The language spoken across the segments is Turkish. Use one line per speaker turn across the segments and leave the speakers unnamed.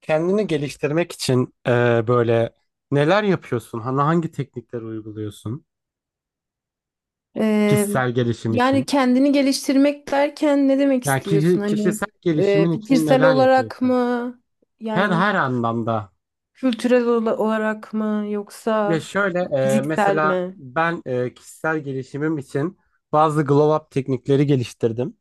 Kendini geliştirmek için böyle neler yapıyorsun? Hani hangi teknikleri uyguluyorsun?
Ee,
Kişisel gelişim
Yani
için.
kendini geliştirmek derken ne demek
Yani
istiyorsun? Hani
kişisel gelişimin için
fikirsel
neler
olarak
yapıyorsun?
mı?
Her
Yani
her anlamda.
kültürel olarak mı?
Ya
Yoksa
şöyle
fiziksel
mesela
mi?
ben kişisel gelişimim için bazı glow up teknikleri geliştirdim.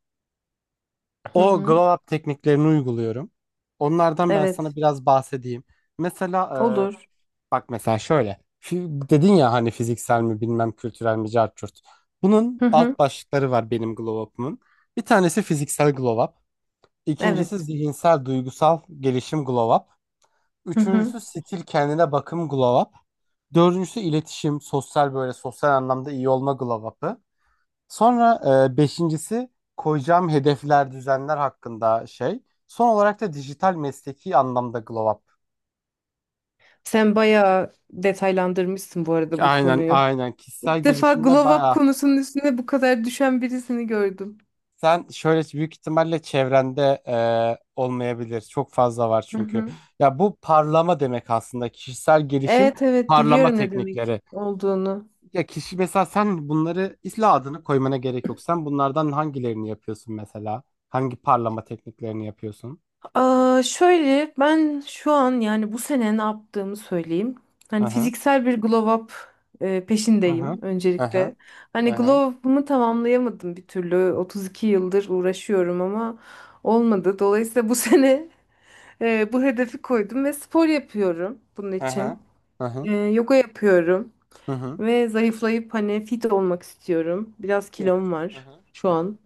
Hı
O
hı.
glow up tekniklerini uyguluyorum. Onlardan ben sana
Evet.
biraz bahsedeyim. Mesela
Olur.
bak mesela şöyle. Dedin ya hani fiziksel mi bilmem kültürel mi cart curt. Bunun
Hı hı.
alt başlıkları var benim glow up'ımın. Bir tanesi fiziksel glow up. İkincisi
Evet.
zihinsel duygusal gelişim glow up.
Hı hı.
Üçüncüsü stil kendine bakım glow up. Dördüncüsü iletişim sosyal böyle sosyal anlamda iyi olma glow up'ı. Sonra beşincisi koyacağım hedefler düzenler hakkında şey. Son olarak da dijital mesleki anlamda glow up.
Sen bayağı detaylandırmışsın bu arada bu
Aynen,
konuyu.
aynen,
İlk
kişisel
defa
gelişimde
glow up
bayağı.
konusunun üstüne bu kadar düşen birisini gördüm.
Sen şöyle büyük ihtimalle çevrende olmayabilir. Çok fazla var
Hı
çünkü.
hı.
Ya bu parlama demek aslında kişisel gelişim,
Evet, evet,
parlama
biliyorum ne demek
teknikleri.
olduğunu.
Ya kişi mesela sen bunları isla adını koymana gerek yok. Sen bunlardan hangilerini yapıyorsun mesela? Hangi parlama tekniklerini yapıyorsun?
Aa, şöyle ben şu an yani bu sene ne yaptığımı söyleyeyim.
Hı
Hani
hı.
fiziksel bir glow up
Hı hı.
peşindeyim
Hı hı.
öncelikle.
Hı
Hani
hı.
glow up'ımı tamamlayamadım bir türlü. 32 yıldır uğraşıyorum ama olmadı. Dolayısıyla bu sene bu hedefi koydum ve spor yapıyorum bunun
Hı hı.
için.
Hı hı.
Yoga yapıyorum
Hı hı.
ve zayıflayıp hani fit olmak istiyorum. Biraz kilom
Hı
var
hı.
şu
Hı hı.
an.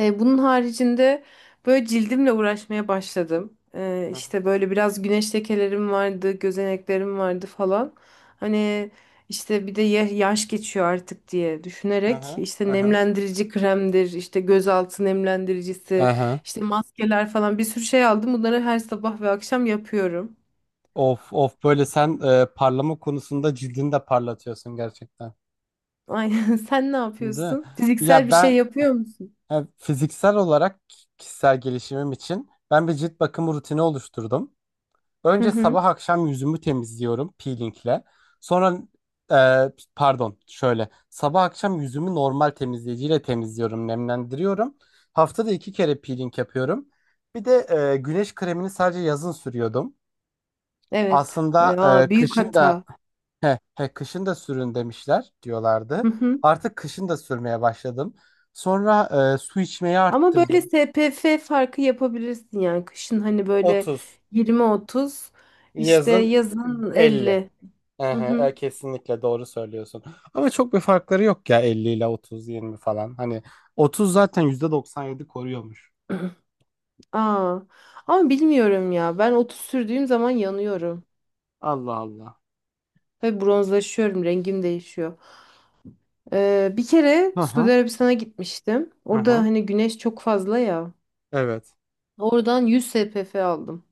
Bunun haricinde böyle cildimle uğraşmaya başladım.
Hı
İşte böyle biraz güneş lekelerim vardı, gözeneklerim vardı falan. Hani işte bir de yaş geçiyor artık diye
hı. Hı
düşünerek
hı. Hı
işte
hı.
nemlendirici kremdir, işte gözaltı
Hı
nemlendiricisi,
hı.
işte maskeler falan bir sürü şey aldım. Bunları her sabah ve akşam yapıyorum.
Of of, böyle sen parlama konusunda cildini de parlatıyorsun gerçekten.
Aynen. Sen ne
Değil mi?
yapıyorsun? Fiziksel
Ya
bir
ben
şey yapıyor musun?
fiziksel olarak kişisel gelişimim için ben bir cilt bakımı rutini oluşturdum.
Hı
Önce
hı.
sabah akşam yüzümü temizliyorum peelingle. Sonra e, pardon, şöyle sabah akşam yüzümü normal temizleyiciyle temizliyorum, nemlendiriyorum. Haftada iki kere peeling yapıyorum. Bir de güneş kremini sadece yazın sürüyordum.
Evet.
Aslında
Aa, büyük
kışın da
hata.
He, kışın da sürün demişler, diyorlardı.
Hı hı.
Artık kışın da sürmeye başladım. Sonra su içmeyi
Ama böyle
arttırdım.
SPF farkı yapabilirsin yani. Kışın hani böyle
30.
20-30, işte
Yazın
yazın
50.
50. Hı
Ehe,
hı.
kesinlikle doğru söylüyorsun. Ama çok bir farkları yok ya, 50 ile 30, 20 falan. Hani 30 zaten %97 koruyormuş.
Aa. Ama bilmiyorum ya. Ben 30 sürdüğüm zaman yanıyorum.
Allah Allah.
Ve bronzlaşıyorum. Rengim değişiyor. Bir kere
Hı hı.
Suudi Arabistan'a gitmiştim.
Hı
Orada
hı.
hani güneş çok fazla ya.
Evet.
Oradan 100 SPF aldım.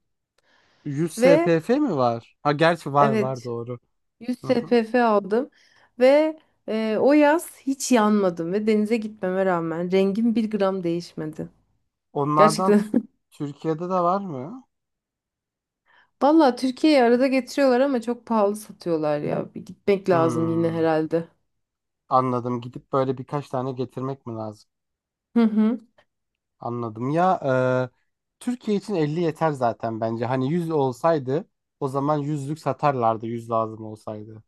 100
Ve
SPF mi var? Ha, gerçi var var,
evet,
doğru.
100
Hı hı.
SPF aldım ve o yaz hiç yanmadım ve denize gitmeme rağmen rengim bir gram değişmedi.
Onlardan
Gerçekten.
Türkiye'de de var mı?
Valla Türkiye'yi arada getiriyorlar ama çok pahalı satıyorlar ya. Bir gitmek lazım yine
Hmm.
herhalde.
Anladım. Gidip böyle birkaç tane getirmek mi lazım?
Hı hı.
Anladım. Ya Türkiye için 50 yeter zaten bence. Hani 100 olsaydı o zaman yüzlük satarlardı, 100 lazım olsaydı.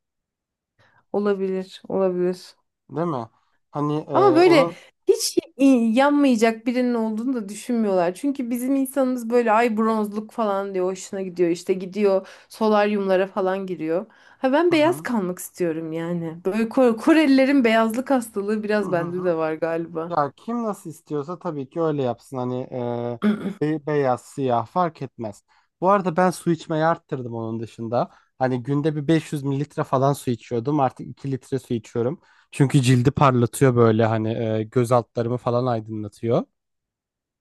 Olabilir, olabilir.
Değil mi? Hani
Ama böyle
onun...
hiç yanmayacak birinin olduğunu da düşünmüyorlar. Çünkü bizim insanımız böyle ay bronzluk falan diyor, hoşuna gidiyor. İşte gidiyor, solaryumlara falan giriyor. Ha, ben
Hı
beyaz
hı.
kalmak istiyorum yani. Böyle Korelilerin beyazlık hastalığı
Hı
biraz bende
hı.
de var galiba.
Ya kim nasıl istiyorsa tabii ki öyle yapsın. Hani beyaz, siyah fark etmez. Bu arada ben su içmeyi arttırdım onun dışında. Hani günde bir 500 mililitre falan su içiyordum. Artık 2 litre su içiyorum. Çünkü cildi parlatıyor, böyle hani göz altlarımı falan aydınlatıyor.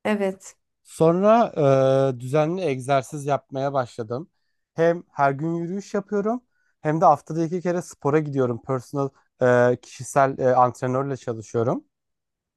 Evet.
Sonra düzenli egzersiz yapmaya başladım. Hem her gün yürüyüş yapıyorum, hem de haftada iki kere spora gidiyorum. Personal kişisel antrenörle çalışıyorum.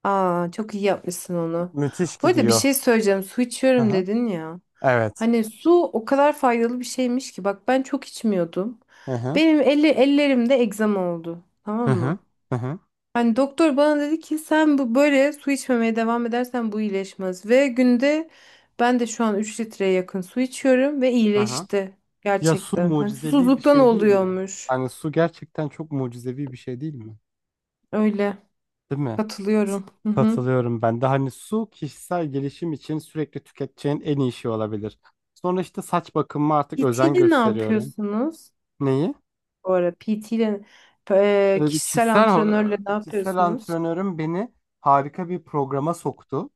Aa, çok iyi yapmışsın onu.
Müthiş
Bu arada bir
gidiyor.
şey söyleyeceğim. Su içiyorum dedin ya.
Evet.
Hani su o kadar faydalı bir şeymiş ki. Bak ben çok içmiyordum.
Hı hı.
Benim ellerimde egzama oldu.
Hı
Tamam
hı.
mı?
Hı hı.
Hani doktor bana dedi ki, sen bu böyle su içmemeye devam edersen bu iyileşmez. Ve günde ben de şu an 3 litreye yakın su içiyorum ve
Hı hı.
iyileşti
Ya su
gerçekten. Hani
mucizevi bir
susuzluktan
şey değil mi?
oluyormuş.
Hani su gerçekten çok mucizevi bir şey değil mi?
Öyle,
Değil mi? S-
katılıyorum. Hı hı.
Katılıyorum ben de. Hani su kişisel gelişim için sürekli tüketeceğin en iyi şey olabilir. Sonra işte saç bakımıma artık
PT
özen
ile ne
gösteriyorum.
yapıyorsunuz?
Neyi?
Bu ara PT ile
Bir
kişisel
kişisel,
antrenörle ne
kişisel
yapıyorsunuz?
antrenörüm beni harika bir programa soktu.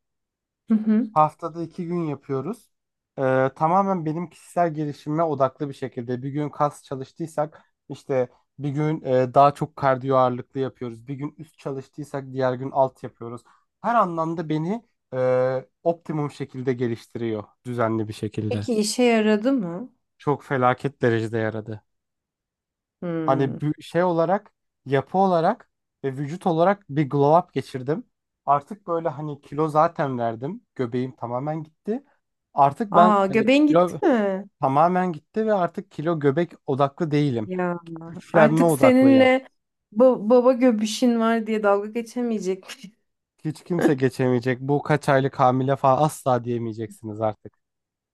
Hı hı.
Haftada iki gün yapıyoruz. Tamamen benim kişisel gelişime odaklı bir şekilde. Bir gün kas çalıştıysak işte, bir gün daha çok kardiyo ağırlıklı yapıyoruz. Bir gün üst çalıştıysak diğer gün alt yapıyoruz. Her anlamda beni optimum şekilde geliştiriyor düzenli bir şekilde.
Peki işe yaradı mı?
Çok felaket derecede yaradı. Hani
Hmm.
bir şey olarak, yapı olarak ve vücut olarak bir glow up geçirdim. Artık böyle hani kilo zaten verdim. Göbeğim tamamen gitti. Artık ben
Aa,
hani
göbeğin gitti
kilo
mi?
tamamen gitti ve artık kilo göbek odaklı değilim.
Ya
Güçlenme
artık
odaklıyım.
seninle baba göbüşün var diye dalga geçemeyecek miyim?
Hiç kimse geçemeyecek. Bu kaç aylık hamile falan asla diyemeyeceksiniz artık.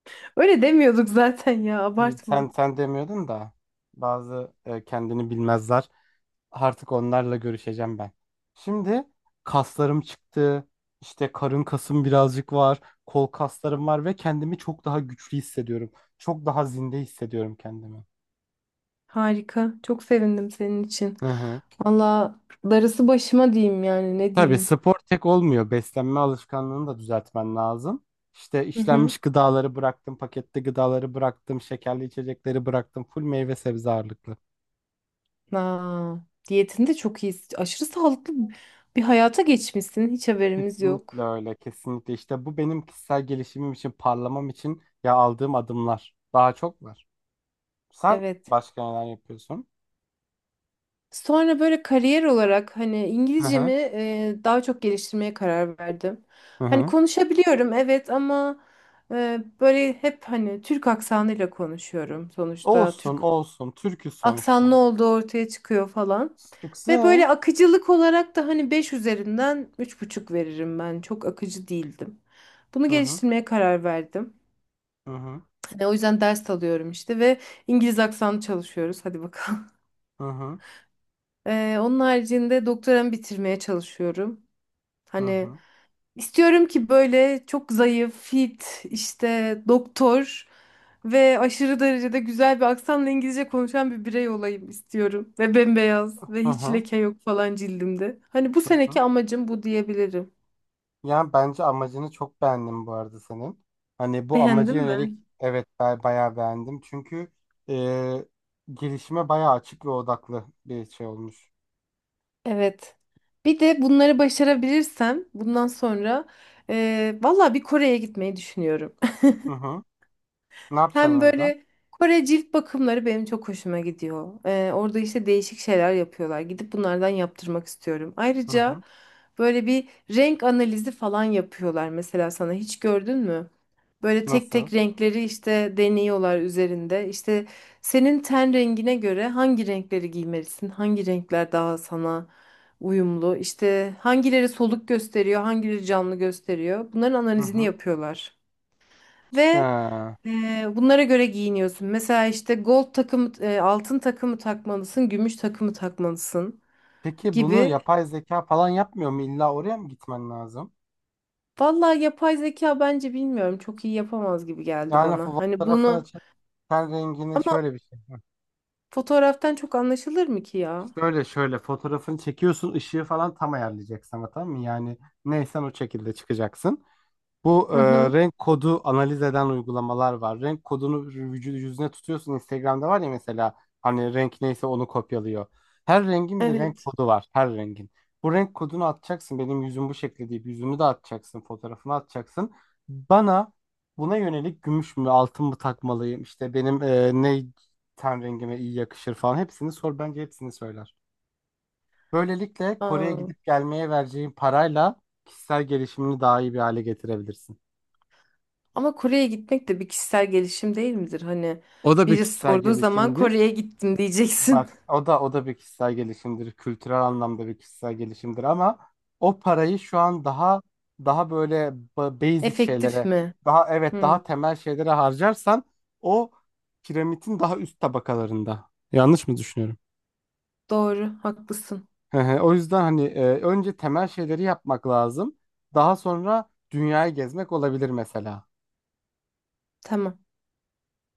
Öyle demiyorduk zaten ya,
İyi, sen
abartma.
sen demiyordun da bazı kendini bilmezler. Artık onlarla görüşeceğim ben. Şimdi kaslarım çıktı. İşte karın kasım birazcık var. Kol kaslarım var ve kendimi çok daha güçlü hissediyorum. Çok daha zinde hissediyorum kendimi.
Harika. Çok sevindim senin için.
Hı hı.
Valla, darısı başıma diyeyim yani, ne
Tabii
diyeyim.
spor tek olmuyor. Beslenme alışkanlığını da düzeltmen lazım. İşte
Hı hı.
işlenmiş gıdaları bıraktım, paketli gıdaları bıraktım, şekerli içecekleri bıraktım, full meyve sebze ağırlıklı.
Aa, diyetin de çok iyi. Aşırı sağlıklı bir hayata geçmişsin. Hiç haberimiz
Kesinlikle
yok.
öyle, kesinlikle. İşte bu benim kişisel gelişimim için, parlamam için ya aldığım adımlar. Daha çok var. Sen
Evet.
başka neler yapıyorsun?
Sonra böyle kariyer olarak hani
Hı
İngilizcemi
hı,
daha çok geliştirmeye karar verdim.
hı
Hani
hı.
konuşabiliyorum, evet, ama böyle hep hani Türk aksanıyla konuşuyorum sonuçta.
Olsun,
Türk
olsun. Türk'üz sonuçta.
aksanlı olduğu ortaya çıkıyor falan. Ve böyle
Çıksın.
akıcılık olarak da hani 5 üzerinden 3,5 veririm ben. Çok akıcı değildim. Bunu
Hı hı,
geliştirmeye karar verdim.
hı hı,
Hani o yüzden ders alıyorum işte ve İngiliz aksanı çalışıyoruz. Hadi bakalım.
hı hı,
Onun haricinde doktoramı bitirmeye çalışıyorum.
hı
Hani
hı,
istiyorum ki böyle çok zayıf, fit, işte doktor ve aşırı derecede güzel bir aksanla İngilizce konuşan bir birey olayım istiyorum. Ve bembeyaz ve
hı
hiç
hı.
leke yok falan cildimde. Hani bu
Hı hı.
seneki amacım bu diyebilirim.
Yani bence amacını çok beğendim bu arada senin. Hani bu amaca
Beğendin
yönelik
mi?
evet ben bayağı beğendim. Çünkü e, gelişime bayağı açık ve odaklı bir şey olmuş.
Evet. Bir de bunları başarabilirsem bundan sonra valla bir Kore'ye gitmeyi düşünüyorum.
Hı hı. Ne yapacaksın
Hem
orada?
böyle Kore cilt bakımları benim çok hoşuma gidiyor. Orada işte değişik şeyler yapıyorlar. Gidip bunlardan yaptırmak istiyorum.
Hı
Ayrıca
hı.
böyle bir renk analizi falan yapıyorlar mesela sana, hiç gördün mü? Böyle tek
Nasıl?
tek renkleri işte deniyorlar üzerinde. İşte senin ten rengine göre hangi renkleri giymelisin? Hangi renkler daha sana uyumlu? İşte hangileri soluk gösteriyor, hangileri canlı gösteriyor? Bunların
Hı
analizini
hı.
yapıyorlar. Ve
Ha.
bunlara göre giyiniyorsun. Mesela işte gold takımı, altın takımı takmalısın, gümüş takımı takmalısın
Peki bunu
gibi.
yapay zeka falan yapmıyor mu? İlla oraya mı gitmen lazım?
Vallahi yapay zeka bence, bilmiyorum, çok iyi yapamaz gibi geldi
Yani
bana. Hani
fotoğrafını
bunu
çek, ten rengini
ama
şöyle bir şey.
fotoğraftan çok anlaşılır mı ki ya?
Şöyle şöyle fotoğrafını çekiyorsun, ışığı falan tam ayarlayacaksın ama, tamam mı? Yani neysen o şekilde çıkacaksın. Bu
Hı hı.
renk kodu analiz eden uygulamalar var. Renk kodunu vücudu yüzüne tutuyorsun. Instagram'da var ya mesela, hani renk neyse onu kopyalıyor. Her rengin bir renk
Evet.
kodu var. Her rengin. Bu renk kodunu atacaksın. Benim yüzüm bu şekli deyip yüzümü de atacaksın. Fotoğrafını atacaksın. Bana buna yönelik gümüş mü altın mı takmalıyım? İşte benim ne ten rengime iyi yakışır falan. Hepsini sor. Bence hepsini söyler. Böylelikle Kore'ye
Aa,
gidip gelmeye vereceğin parayla kişisel gelişimini daha iyi bir hale getirebilirsin.
ama Kore'ye gitmek de bir kişisel gelişim değil midir? Hani
O da bir
birisi
kişisel
sorduğu zaman
gelişimdir.
Kore'ye gittim diyeceksin.
Bak o da o da bir kişisel gelişimdir. Kültürel anlamda bir kişisel gelişimdir ama o parayı şu an daha, daha böyle basic
Efektif
şeylere,
mi?
daha evet
Hı,
daha temel şeylere harcarsan o piramidin daha üst tabakalarında. Yanlış mı düşünüyorum?
doğru, haklısın.
Hı hı. O yüzden hani önce temel şeyleri yapmak lazım. Daha sonra dünyayı gezmek olabilir mesela.
Tamam.